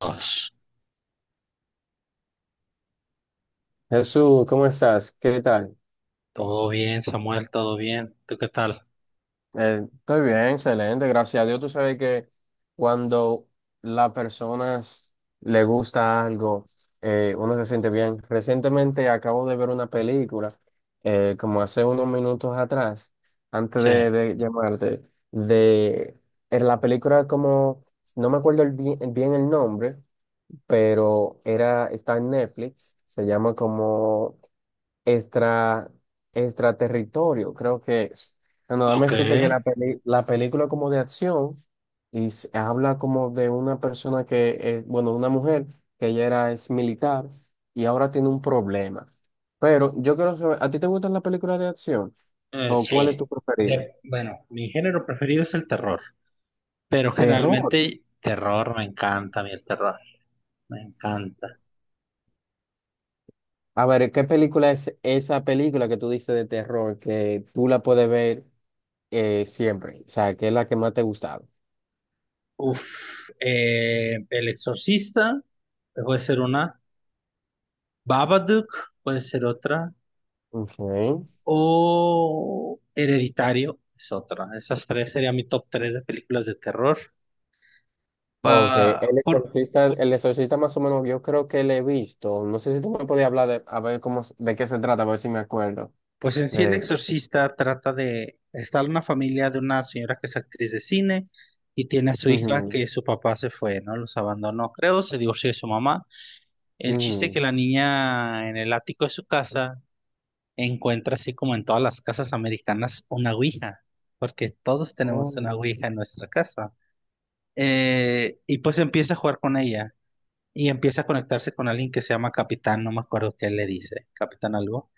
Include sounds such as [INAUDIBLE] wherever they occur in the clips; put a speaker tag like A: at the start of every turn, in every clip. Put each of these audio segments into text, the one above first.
A: Dios.
B: Jesús, ¿cómo estás? ¿Qué tal?
A: Todo bien, Samuel, todo bien. ¿Tú qué tal?
B: Estoy bien, excelente, gracias a Dios. Tú sabes que cuando las personas le gusta algo, uno se siente bien. Recientemente acabo de ver una película, como hace unos minutos atrás, antes
A: Sí.
B: de llamarte, de era la película como, no me acuerdo el bien el nombre, pero era, está en Netflix, se llama como extra, extraterritorio, creo que es. Bueno, dame
A: Ok.
B: decirte que la la película como de acción y se habla como de una persona que, bueno, una mujer que ella era ex militar y ahora tiene un problema. Pero yo quiero saber, ¿a ti te gustan las películas de acción? ¿O cuál es
A: Sí.
B: tu preferida?
A: Bueno, mi género preferido es el terror, pero
B: Terror.
A: generalmente terror me encanta, a mí el terror, me encanta.
B: A ver, ¿qué película es esa película que tú dices de terror que tú la puedes ver siempre? O sea, ¿qué es la que más te ha gustado?
A: Uf, El Exorcista puede ser una, Babadook puede ser otra,
B: Ok.
A: o Hereditario es otra. Esas tres serían mi top tres de películas de terror.
B: Ok,
A: Pa- por,
B: el exorcista más o menos yo creo que le he visto. No sé si tú me podías hablar de, a ver cómo, de qué se trata, a ver si me acuerdo
A: Pues en sí El
B: de eso.
A: Exorcista trata de estar una familia de una señora que es actriz de cine y tiene a su hija
B: Ujú,
A: que su papá se fue, ¿no? Los abandonó, creo, se divorció de su mamá. El chiste es
B: ujú,
A: que la niña en el ático de su casa encuentra, así como en todas las casas americanas, una ouija, porque todos
B: oh,
A: tenemos una ouija en nuestra casa. Y pues empieza a jugar con ella y empieza a conectarse con alguien que se llama Capitán, no me acuerdo qué le dice, Capitán algo,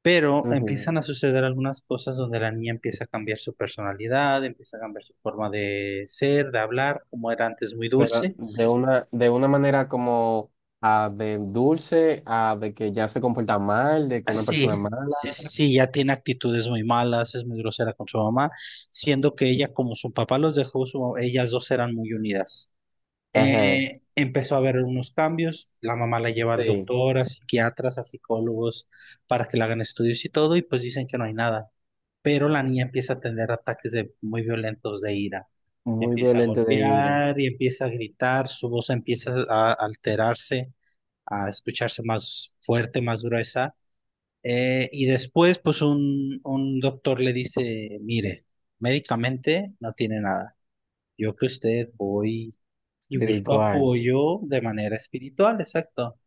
A: pero
B: ujú.
A: empiezan a suceder algunas cosas donde la niña empieza a cambiar su personalidad, empieza a cambiar su forma de ser, de hablar, como era antes muy
B: Pero
A: dulce.
B: de una manera como ah, de dulce, a de que ya se comporta mal, de que
A: Ah,
B: una persona
A: sí,
B: mala.
A: sí, sí, sí, ya tiene actitudes muy malas, es muy grosera con su mamá, siendo que ella, como su papá los dejó, ellas dos eran muy unidas.
B: Ajá,
A: Empezó a haber unos cambios, la mamá la lleva al
B: sí,
A: doctor, a psiquiatras, a psicólogos, para que le hagan estudios y todo, y pues dicen que no hay nada. Pero la niña empieza a tener ataques de, muy violentos de ira.
B: muy
A: Empieza a
B: violento de ira,
A: golpear y empieza a gritar, su voz empieza a alterarse, a escucharse más fuerte, más gruesa. Y después, pues un doctor le dice, mire, médicamente no tiene nada. Yo que usted voy y busco
B: espiritual.
A: apoyo de manera espiritual, exacto.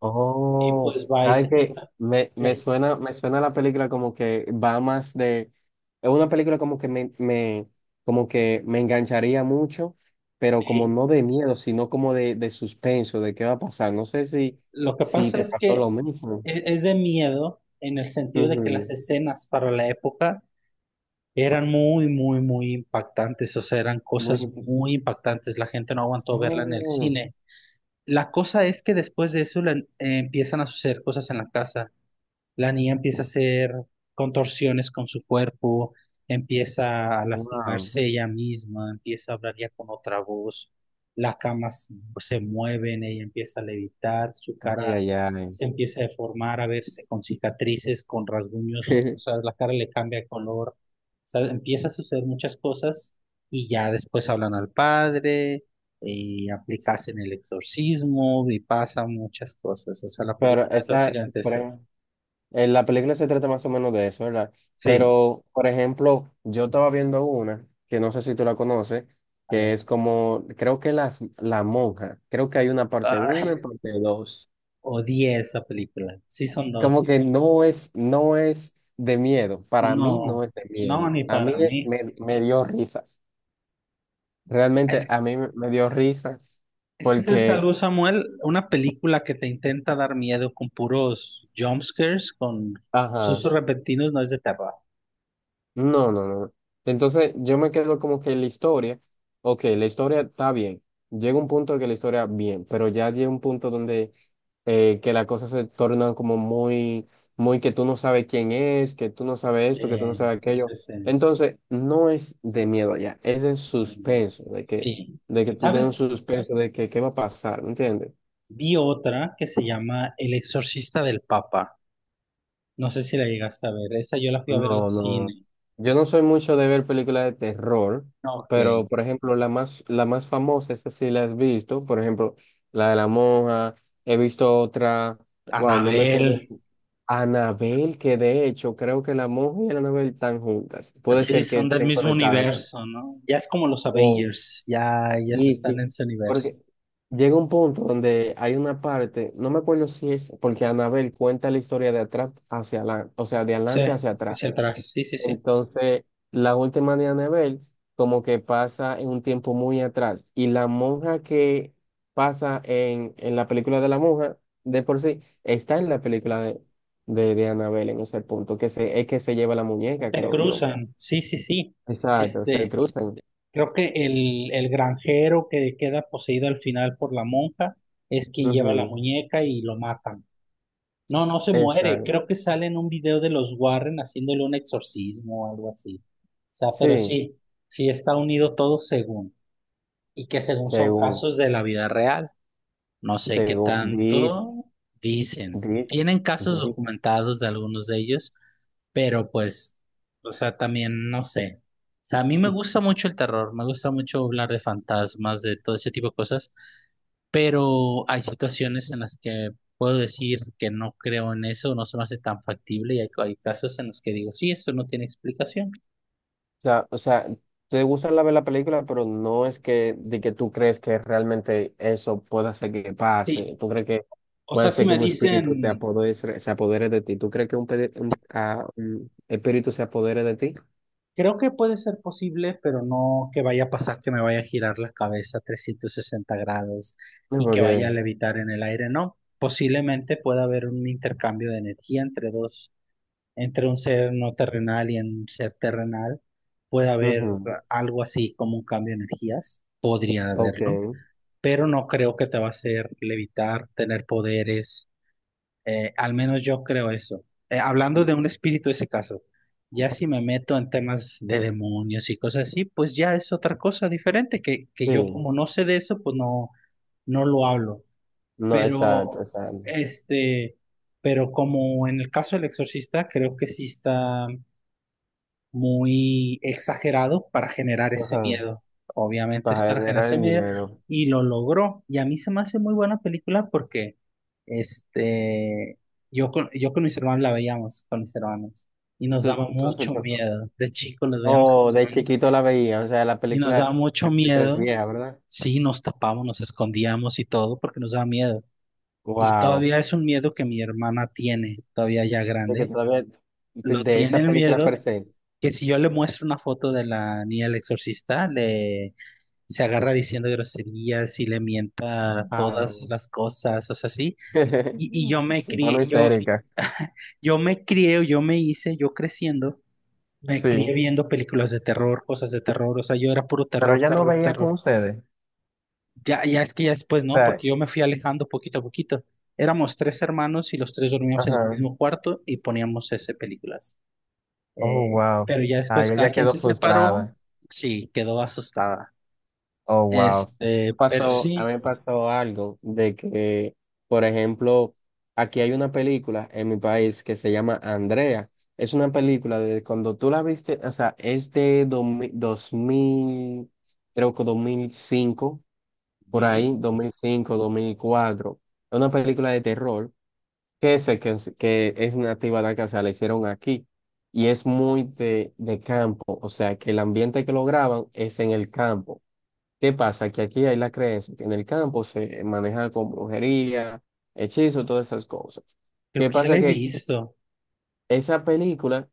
A: Y
B: Oh,
A: pues va y
B: ¿sabes
A: se
B: qué?
A: junta.
B: Me,
A: Sí,
B: me suena la película como que va más de, es una película como que me, como que me engancharía mucho, pero como
A: sí.
B: no de miedo, sino como de suspenso, de qué va a pasar. No sé si,
A: Lo que
B: si
A: pasa
B: te
A: es
B: pasó
A: que
B: lo mismo.
A: es de miedo en el sentido de que las
B: Ujú.
A: escenas para la época eran muy, muy, muy impactantes, o sea, eran
B: Muy,
A: cosas muy impactantes. La gente no aguantó verla en el
B: oh,
A: cine. La cosa es que después de eso empiezan a suceder cosas en la casa. La niña empieza a hacer contorsiones con su cuerpo, empieza a
B: wow.
A: lastimarse ella misma, empieza a hablar ya con otra voz, las camas se mueven, ella empieza a levitar, su
B: Ay,
A: cara
B: ay, ay.
A: se empieza a deformar, a verse con cicatrices, con rasguños, o sea,
B: [LAUGHS]
A: la cara le cambia de color, o sea, empieza a suceder muchas cosas y ya después hablan al padre. Y aplicas en el exorcismo y pasan muchas cosas. O sea, la
B: Pero
A: película es
B: esa,
A: básicamente
B: por
A: eso.
B: ahí- la película se trata más o menos de eso, ¿verdad?
A: Sí.
B: Pero, por ejemplo, yo estaba viendo una, que no sé si tú la conoces,
A: A
B: que
A: ver.
B: es como, creo que las, la monja, creo que hay una parte uno y
A: Ay,
B: parte dos.
A: odié esa película. Sí, son
B: Como
A: 2.
B: que no es, no es de miedo, para mí
A: No,
B: no es de
A: no,
B: miedo,
A: ni
B: a mí
A: para
B: es,
A: mí.
B: me dio risa, realmente
A: Es,
B: a mí me dio risa
A: es que es
B: porque,
A: algo, Samuel, una película que te intenta dar miedo con puros jumpscares, con
B: ajá.
A: sustos repentinos, no es de terror.
B: No, no, no. Entonces yo me quedo como que la historia, ok, la historia está bien, llega un punto en que la historia bien, pero ya llega un punto donde que la cosa se torna como muy, muy que tú no sabes quién es, que tú no sabes
A: Sí,
B: esto, que tú no sabes
A: sí,
B: aquello.
A: sí, sí.
B: Entonces no es de miedo ya, es el
A: Mm,
B: suspenso,
A: sí.
B: de que tú tienes un
A: ¿Sabes?
B: suspenso de que qué va a pasar, ¿me entiendes?
A: Vi otra que se llama El Exorcista del Papa. No sé si la llegaste a ver. Esa yo la fui a ver al
B: No, no.
A: cine.
B: Yo no soy mucho de ver películas de terror,
A: Ok.
B: pero por ejemplo, la más famosa, esa sí la has visto, por ejemplo, la de la monja, he visto otra, wow, no me
A: Anabel.
B: acuerdo, Anabel, que de hecho creo que la monja y Anabel están juntas, puede
A: Sí,
B: ser que
A: son del
B: estén
A: mismo
B: conectadas. Esa-
A: universo, ¿no? Ya es como los
B: Oh,
A: Avengers, ya, ya se
B: sí,
A: están
B: sí,
A: en su universo.
B: porque llega un punto donde hay una parte, no me acuerdo si es, porque Anabel cuenta la historia de atrás hacia adelante, o sea, de
A: Sí,
B: adelante hacia atrás.
A: hacia atrás, sí, sí, sí.
B: Entonces, la última de Anabel como que pasa en un tiempo muy atrás y la monja que pasa en la película de la monja, de por sí, está en la película de Annabelle en ese punto, que se, es que se lleva la muñeca,
A: Se
B: creo yo.
A: cruzan, sí, sí, sí.
B: Exacto, se
A: Este,
B: cruzan.
A: creo que el granjero que queda poseído al final por la monja es quien lleva la
B: Ujú,
A: muñeca y lo matan. No, no se muere,
B: exacto.
A: creo que sale en un video de los Warren haciéndole un exorcismo o algo así. O sea, pero
B: Sí,
A: sí, sí está unido todo según, y que según son
B: según,
A: casos de la vida real. No sé qué
B: según, dice,
A: tanto dicen.
B: dice,
A: Tienen casos documentados de algunos de ellos, pero pues, o sea, también no sé. O sea, a mí me gusta mucho el terror, me gusta mucho hablar de fantasmas, de todo ese tipo de cosas, pero hay situaciones en las que puedo decir que no creo en eso, no se me hace tan factible y hay casos en los que digo, sí, esto no tiene explicación.
B: sea, o sea, te gusta la ver la película, pero no es que de que tú crees que realmente eso pueda ser que
A: Sí,
B: pase. Tú crees que
A: o
B: puede
A: sea, si
B: ser que
A: me
B: un espíritu te
A: dicen...
B: apodere, se apodere de ti. ¿Tú crees que un, un espíritu se apodere de ti?
A: Creo que puede ser posible, pero no que vaya a pasar que me vaya a girar la cabeza 360 grados
B: No,
A: y que
B: porque,
A: vaya a levitar en el aire, no. Posiblemente pueda haber un intercambio de energía entre dos, entre un ser no terrenal y un ser terrenal. Puede haber
B: ujú,
A: algo así como un cambio de energías, podría
B: ok,
A: haberlo, pero no creo que te va a hacer levitar, tener poderes, al menos yo creo eso. Hablando de un espíritu, ese caso, ya si me meto en temas de demonios y cosas así, pues ya es otra cosa diferente, que, yo
B: sí,
A: como no sé de eso, pues no, no lo hablo.
B: no, exacto,
A: Pero,
B: exacto.
A: este, pero como en el caso del exorcista, creo que sí está, muy exagerados para generar ese
B: Ajá,
A: miedo. Obviamente es
B: para
A: para generar
B: generar
A: ese
B: el
A: miedo
B: miedo.
A: y lo logró. Y a mí se me hace muy buena película porque este, yo con mis hermanos la veíamos, con mis hermanos, y nos
B: Tú-
A: daba
B: Entonces,
A: mucho
B: co-
A: miedo. De chicos los veíamos con
B: oh,
A: mis
B: de
A: hermanos
B: chiquito la veía, o sea,
A: y nos daba mucho
B: la película es
A: miedo.
B: vieja, ¿verdad?
A: Sí, nos tapamos, nos escondíamos y todo porque nos daba miedo. Y
B: Wow.
A: todavía es un miedo que mi hermana tiene, todavía ya
B: De que
A: grande.
B: todavía
A: Lo
B: de
A: tiene
B: esa
A: el
B: película per
A: miedo
B: se.
A: que si yo le muestro una foto de la niña del exorcista, le se agarra diciendo groserías y le mienta
B: Ah.
A: todas las cosas, o sea, sí.
B: [LAUGHS]
A: Y yo me
B: Se pone
A: crié, yo,
B: histérica.
A: [LAUGHS] yo me crié, o yo me hice, yo creciendo, me crié
B: Sí.
A: viendo películas de terror, cosas de terror, o sea, yo era puro
B: Pero
A: terror,
B: ella no
A: terror,
B: veía con
A: terror.
B: ustedes. O
A: Ya, ya es que ya después no,
B: sea,
A: porque yo me fui alejando poquito a poquito. Éramos tres hermanos y los tres dormíamos en el
B: ajá.
A: mismo cuarto y poníamos ese películas.
B: Oh, wow.
A: Pero ya
B: Ay,
A: después cada
B: ella
A: quien
B: quedó
A: se separó,
B: frustrada.
A: sí, quedó asustada.
B: Oh, wow.
A: Este, pero
B: Pasó, a
A: sí,
B: mí me pasó algo de que, por ejemplo, aquí hay una película en mi país que se llama Andrea. Es una película de cuando tú la viste, o sea, es de 2000, 2000, creo que 2005 por
A: ujú,
B: ahí, 2005, 2004. Es una película de terror que, se, que es nativa de acá, o sea, la hicieron aquí. Y es muy de campo, o sea, que el ambiente que lo graban es en el campo. ¿Qué pasa? Que aquí hay la creencia que en el campo se maneja con brujería, hechizo, todas esas cosas.
A: creo
B: ¿Qué
A: que ya la
B: pasa?
A: he
B: Que
A: visto.
B: esa película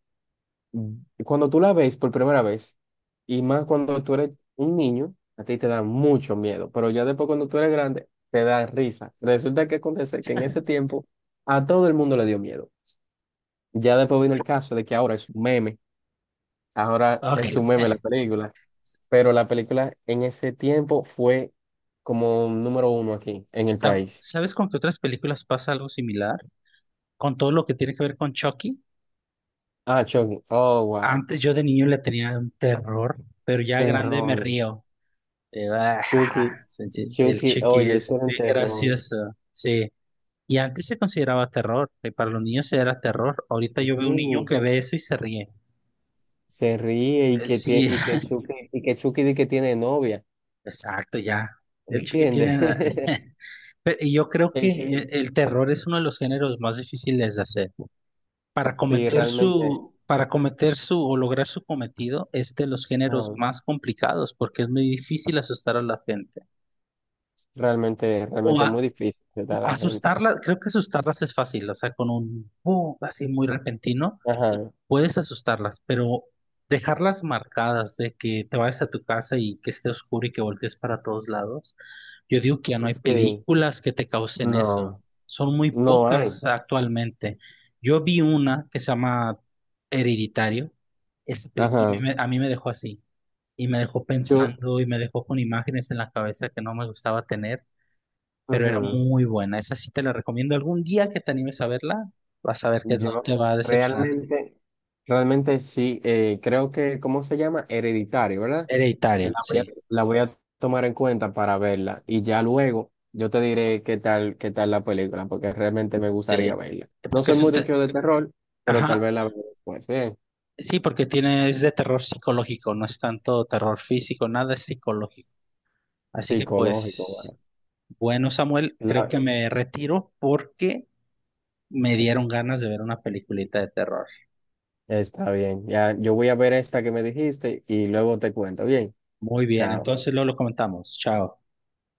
B: cuando tú la ves por primera vez, y más cuando tú eres un niño, a ti te da mucho miedo, pero ya después cuando tú eres grande, te da risa. Resulta que acontece que en ese tiempo a todo el mundo le dio miedo. Ya después vino el caso de que ahora es un meme, ahora
A: Ok.
B: es un meme
A: [LAUGHS]
B: la película, pero la película en ese tiempo fue como número uno aquí en el país.
A: ¿Sabes con qué otras películas pasa algo similar? Con todo lo que tiene que ver con Chucky.
B: Ah, Chucky, oh, wow,
A: Antes yo de niño le tenía un terror, pero ya grande me
B: terror.
A: río.
B: Chucky,
A: Sí, sí, El
B: Chucky,
A: Chucky
B: oye, eso
A: es
B: era un
A: bien
B: terror.
A: gracioso. Sí. Y antes se consideraba terror, y para los niños era terror. Ahorita
B: Sí.
A: yo veo un niño que ve eso y se ríe.
B: Se ríe y que, tie-
A: Sí,
B: y que Chucky di que tiene novia,
A: exacto, ya. El chiquitín
B: ¿entiendes?
A: era-
B: [LAUGHS]
A: [LAUGHS] Y yo creo que
B: El Chucky-
A: el terror es uno de los géneros más difíciles de hacer.
B: sí, realmente,
A: Para cometer su o lograr su cometido es de los géneros
B: ah,
A: más complicados porque es muy difícil asustar a la gente.
B: realmente,
A: O,
B: realmente es muy
A: a-
B: difícil que
A: o
B: está la gente.
A: asustarla, creo que asustarlas es fácil, o sea, con un boom así muy repentino.
B: Ajá,
A: Puedes asustarlas, pero dejarlas marcadas de que te vayas a tu casa y que esté oscuro y que voltees para todos lados. Yo digo que ya no hay
B: sí,
A: películas que te causen eso.
B: no,
A: Son muy
B: no hay.
A: pocas actualmente. Yo vi una que se llama Hereditario. Esa película
B: Ajá,
A: a mí me dejó así y me dejó
B: yo,
A: pensando y me dejó con imágenes en la cabeza que no me gustaba tener, pero era
B: ujú.
A: muy buena. Esa sí te la recomiendo. Algún día que te animes a verla, vas a ver que no
B: Yo
A: te va a decepcionar.
B: realmente, realmente sí, creo que, ¿cómo se llama? Hereditario, ¿verdad?
A: Hereditario,
B: La voy a,
A: sí.
B: la voy a tomar en cuenta para verla y ya luego yo te diré qué tal la película, porque realmente me gustaría
A: Sí,
B: verla. No
A: porque
B: soy
A: es un
B: mucho de terror, pero tal
A: ajá,
B: vez la veo después. Bien,
A: sí, porque tiene, es de terror psicológico, no es tanto terror físico, nada es psicológico. Así que
B: psicológico,
A: pues,
B: bueno.
A: bueno, Samuel, creo
B: La-
A: que me retiro porque me dieron ganas de ver una peliculita de terror.
B: está bien, ya yo voy a ver esta que me dijiste y luego te cuento. Bien,
A: Muy bien,
B: chao.
A: entonces luego lo comentamos. Chao.